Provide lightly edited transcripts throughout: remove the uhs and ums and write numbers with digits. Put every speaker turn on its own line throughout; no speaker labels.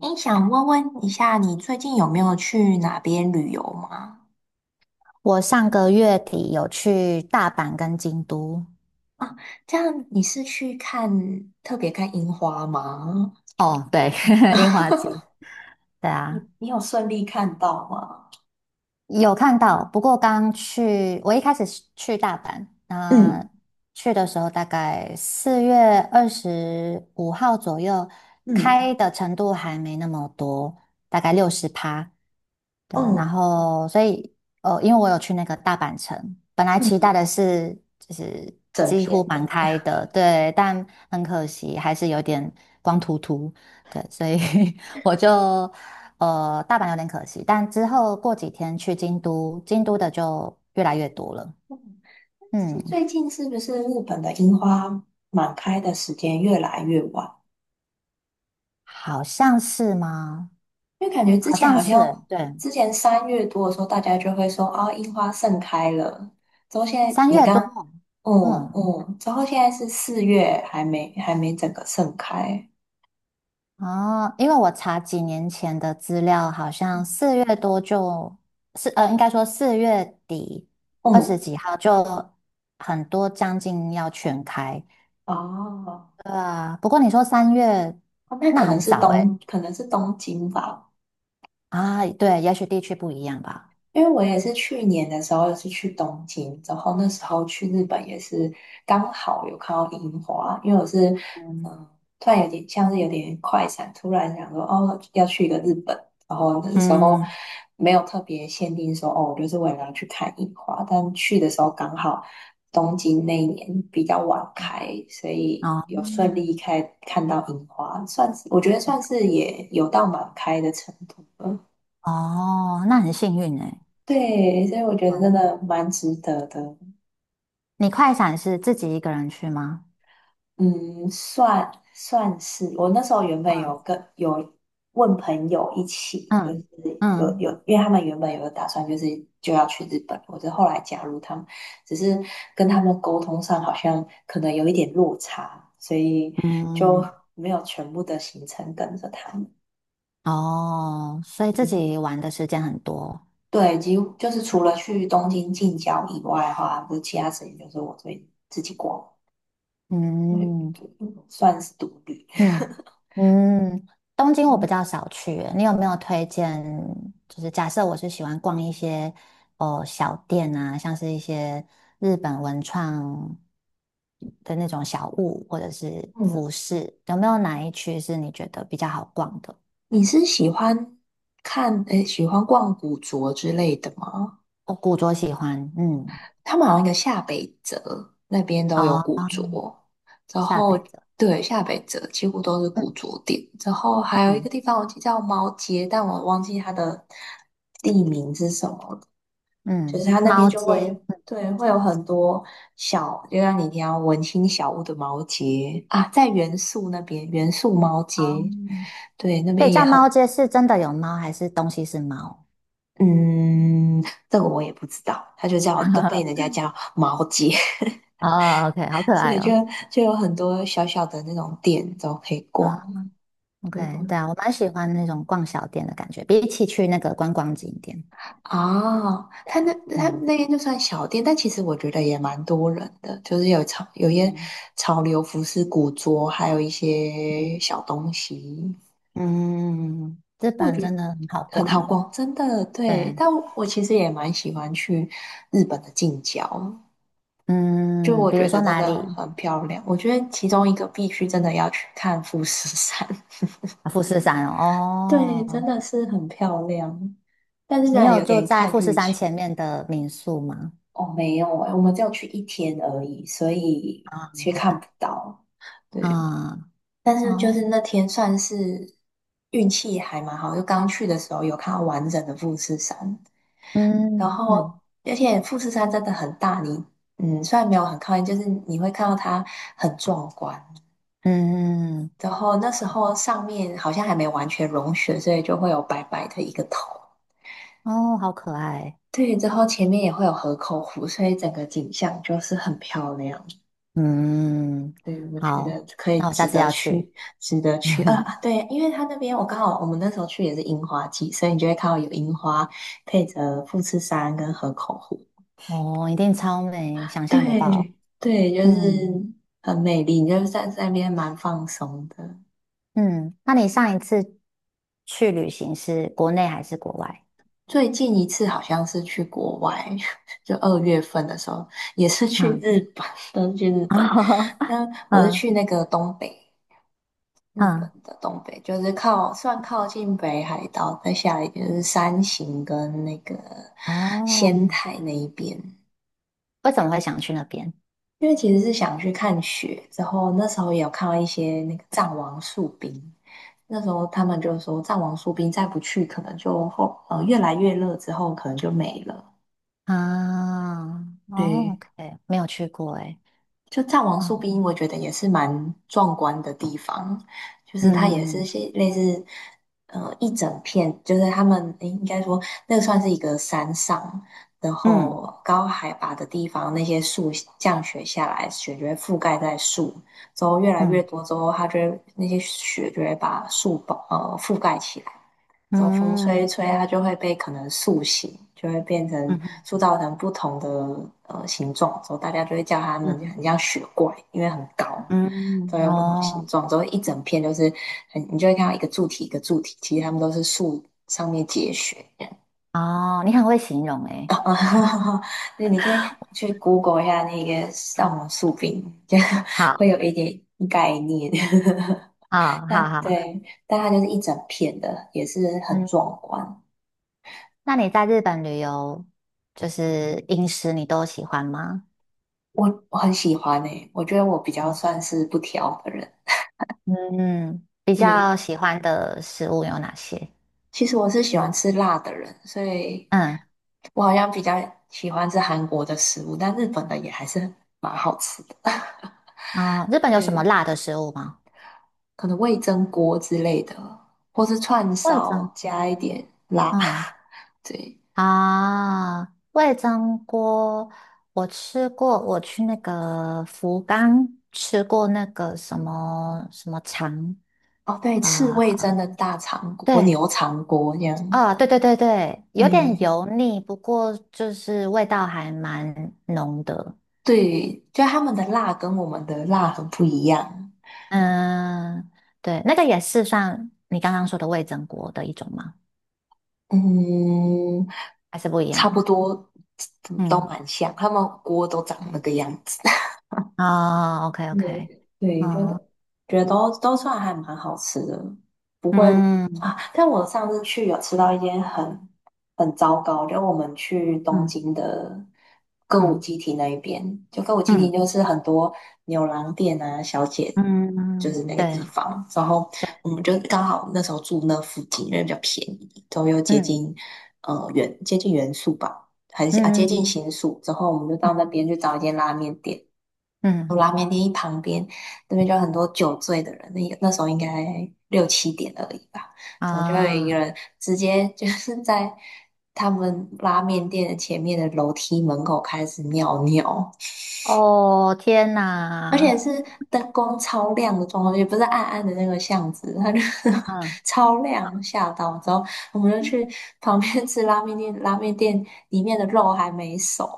诶，想问问一下，你最近有没有去哪边旅游吗？
我上个月底有去大阪跟京都，
啊，这样你是去看，特别看樱花吗？
哦，对，樱花季，对啊，
你有顺利看到吗？
有看到，不过刚去，我一开始是去大阪，那
嗯
去的时候大概4月25号左右，
嗯
开的程度还没那么多，大概60%，对啊，然
嗯
后所以因为我有去那个大阪城，本来期
嗯，
待的是就是
整
几乎
片的
满
嘛。
开的，对，但很可惜还是有点光秃秃，对，所以 我就大阪有点可惜，但之后过几天去京都，京都的就越来越多了。
嗯
嗯，
是最近是不是日本的樱花满开的时间越来越晚？
好像是吗？
因为感觉之
好
前
像
好
是，
像
对，
之前3月多的时候，大家就会说啊，樱花盛开了。之后现在
三
你
月多。
刚，嗯
嗯，
嗯，之后现在是4月，还没整个盛开。
哦，因为我查几年前的资料，好像4月多就，应该说4月底二十
嗯，
几号就很多将近要全开。
哦，
对啊，不过你说三月，
哦，那
那
可能
很
是
早诶。
东，可能是东京吧。
啊，对，也许地区不一样吧。
因为我也是去年的时候是去东京，然后那时候去日本也是刚好有看到樱花，因为我是嗯，突然有点像是有点快闪，突然想说哦要去一个日本，然后那时候
嗯。
没有特别限定说哦，我就是为了要去看樱花，但去的时候刚好东京那一年比较晚开，所以
哦
有顺利开看到樱花，算是我觉得算是也有到满开的程度了。
哦，那很幸运哎。
对，所以我觉得真
嗯，
的蛮值得的。
你快闪是自己一个人去吗？
嗯，算是我那时候原本有
嗯
跟有问朋友一起，就
嗯
是有，
嗯
因为他们原本有个打算，就是就要去日本，我就后来加入他们，只是跟他们沟通上好像可能有一点落差，所以
嗯，
就
嗯
没有全部的行程跟着他们。
哦，所以自
嗯，
己玩的时间很多。
对，几乎就是除了去东京近郊以外的话，就其他时间就是我自己逛。
嗯，
嗯算是独立。
嗯 嗯，东京我比
嗯，
较少去耶你有没有推荐？就是假设我是喜欢逛一些哦小店啊，像是一些日本文创的那种小物或者是
嗯
服饰，有没有哪一区是你觉得比较好逛的？
你是喜欢诶，喜欢逛古着之类的吗？
我古着喜欢，嗯，
他们好像一个下北泽那边都有
哦，
古着，然
下
后
北泽，
对，下北泽几乎都是古
嗯
着店，然后还有一个
嗯
地方我记得叫猫街，但我忘记它的地名是什么，就是
嗯，
它那边
猫
就
街，
会对会有很多小，就像你提到文青小屋的毛节啊，在元素那边元素毛
猫，
节，对那
所以
边也
叫猫
很
街是真的有猫还是东西是猫？
嗯，这个我也不知道，它就叫都被人家叫毛节，
哦 OK 好 可
所
爱
以就
哦。
就有很多小小的那种店都可以
啊。
逛，对，
OK，对啊，我蛮喜欢那种逛小店的感觉，比起去那个观光景点。
哦，
对，
他那他
嗯
那边就算小店，但其实我觉得也蛮多人的，就是有潮有一些
嗯
潮流服饰、古着，还有一些
嗯，
小东西，
嗯，日
我
本
觉得
真的很好
很
逛
好
诶。
逛，真的对。
对，
但我，其实也蛮喜欢去日本的近郊，就
嗯，
我
比
觉
如
得
说
真
哪
的
里？
很漂亮。我觉得其中一个必须真的要去看富士山，
啊富士山
对，
哦。
真
哦，
的是很漂亮，但是
你
呢
有
有
住
点
在
看
富士
运
山
气。
前面的民宿吗？
哦，没有诶，我们只有去一天而已，所以
啊
其实看不到。对，
啊
但是就
哦，
是那天算是运气还蛮好，就刚去的时候有看到完整的富士山，然
嗯
后
嗯
而且富士山真的很大，你嗯虽然没有很靠近，就是你会看到它很壮观。
嗯，
然后那时候上面好像还没完全融雪，所以就会有白白的一个头。
哦，好可爱。
对，之后前面也会有河口湖，所以整个景象就是很漂亮。
嗯，
对，我觉
好，
得可以
那我下
值
次
得
要去。
去，值得去啊！啊对，因为他那边我刚好我们那时候去也是樱花季，所以你就会看到有樱花配着富士山跟河口湖。
哦，一定超美，想象得到。
对对，就
嗯
是很美丽，你就是在那边蛮放松的。
嗯，那你上一次去旅行是国内还是国外？
最近一次好像是去国外，就2月份的时候，也是去
啊，
日本，都是去日本。那我是
嗯
去那个东北，日本
嗯，
的东北，就是靠算靠近北海道，再下来就是山形跟那个
哦，
仙台那一边。
为什么会想去那边？
因为其实是想去看雪，之后那时候也有看到一些那个藏王树冰，那时候他们就说藏王树冰再不去，可能就越来越热之后可能就没了。
啊，哦
对，
，OK，没有去过哎。
就藏王
哦，
树冰，我觉得也是蛮壮观的地方，就是它也是
嗯
些类似，呃，一整片，就是他们，诶，应该说那个算是一个山上，然
嗯
后高海拔的地方，那些树降雪下来，雪就会覆盖在树，之后越来越
嗯
多之后，它就会那些雪就会把树覆盖起来，走风吹
嗯
一吹，它就会被可能塑形，就会变成
嗯嗯
塑造成不同的呃形状，之后大家就会叫它们
嗯，
很像雪怪，因为很高，都
嗯，
有不同的形
哦
状，之后一整片都是很，你就会看到一个柱体一个柱体，其实它们都是树上面结雪。
哦，你很会形容哎。
对，你可以去 Google 一下那个上
嗯，
网树冰，就
好，
会有一点概念。
好，
但
好，好，
对，但它就是一整片的，也是很
嗯，
壮观。
那你在日本旅游，就是饮食你都喜欢吗？
我很喜欢诶，我觉得我比较算是不挑的人。
嗯，比
对，
较喜欢的食物有哪些？
其实我是喜欢吃辣的人，所以
嗯，
我好像比较喜欢吃韩国的食物，但日本的也还是蛮好吃的。
啊，日本有什么
对，
辣的食物吗？
可能味噌锅之类的，或是串
味噌
烧加一
锅
点辣。
嗯
对，
味噌锅我吃过，我去那个福冈吃过那个什么什么肠
哦对，赤味噌
啊，
的大肠锅、
对
牛肠锅这样。
啊，对对对对，有点
嗯，
油腻，不过就是味道还蛮浓的。
对，就他们的辣跟我们的辣很不一样。
嗯，对，那个也是算你刚刚说的味噌锅的一种吗？
嗯，
还是不一
差不
样。
多，都
嗯，
蛮像，他们锅都长那个样子。
哦，OK OK，
对，对，觉
哦，
得都算还蛮好吃的，不会
嗯
啊。但我上次去有吃到一间很很糟糕，就我们去东
嗯
京的歌舞
嗯
伎町那一边，就歌舞伎町
嗯
就是很多牛郎店啊、小姐，就
嗯，
是那个地
对
方。然后
对，
我们就刚好那时候住那附近，因为比较便宜，都又接
嗯
近接近原宿吧，很是啊接近
嗯
新宿。之后我们就
嗯
到那边去找一间拉面店。有
嗯
拉面店一旁边，那边就有很多酒醉的人，那时候应该六七点而已吧，然后就有一
啊，
个人直接 就是在他们拉面店的前面的楼梯门口开始尿尿，
哦，天
而且
哪，
是灯光超亮的状况，也不是暗暗的那个巷子，它就是
嗯，
超亮，吓到。之后我们就去旁边吃拉面店，拉面店里面的肉还没熟，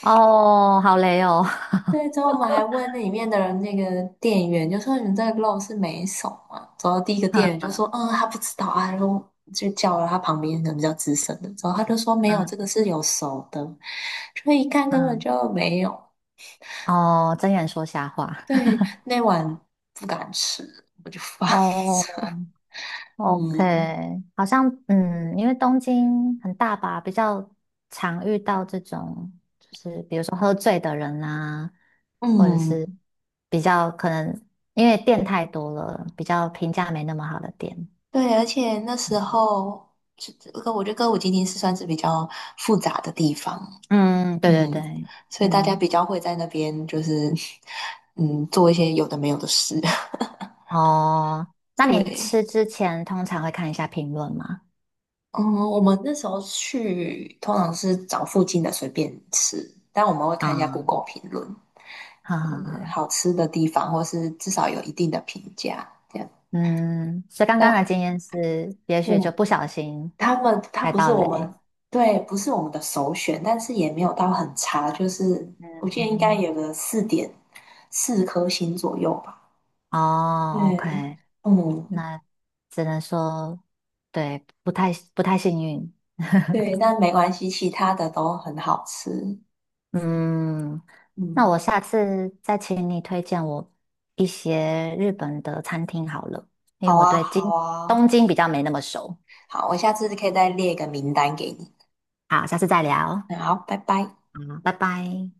哦，好累哦，
对，之后我们还问那里面的人，那个店员就说："你们这个肉是没熟吗？"之后第一个店员
嗯
就说："嗯，他不知道啊。"然后就叫了他旁边可能比较资深的，之后他就说："没有，
嗯
这个是有熟的。"所以一看根本
嗯，
就没有。
哦，睁眼说瞎话，
对，那碗不敢吃，我就放
哦，
着。
OK，
嗯
好像因为东京很大吧，比较常遇到这种，就是比如说喝醉的人啊，或者是
嗯，
比较可能因为店太多了，比较评价没那么好的店。
对，而且那时候这个，我觉得歌舞伎町是算是比较复杂的地方，
嗯，对对
嗯，
对，
所以大家比
嗯，
较会在那边就是 做一些有的没有的事。
哦，那你
对，
吃之前通常会看一下评论吗？
嗯，我们那时候去通常是找附近的随便吃，但我们会看
啊、
一下 Google 评论，
哈哈
嗯，
哈，
好吃的地方或是至少有一定的评价这样。
嗯，所以刚刚的
那
经验是，也许就
我
不小心
他
踩
不是
到
我
雷。
们，对，不是我们的首选，但是也没有到很差，就是我
嗯
记得应该
嗯。
有个4.4颗星左右吧。
哦
对，
，OK，
嗯，
那只能说，对，不太幸运。
对，但没关系，其他的都很好吃。
嗯，那我
嗯，
下次再请你推荐我一些日本的餐厅好了，因为
好
我
啊，
对京
好啊，
东京比较没那么熟。
好，我下次可以再列一个名单给你。
好，下次再聊。好，
嗯好，拜拜。
拜拜。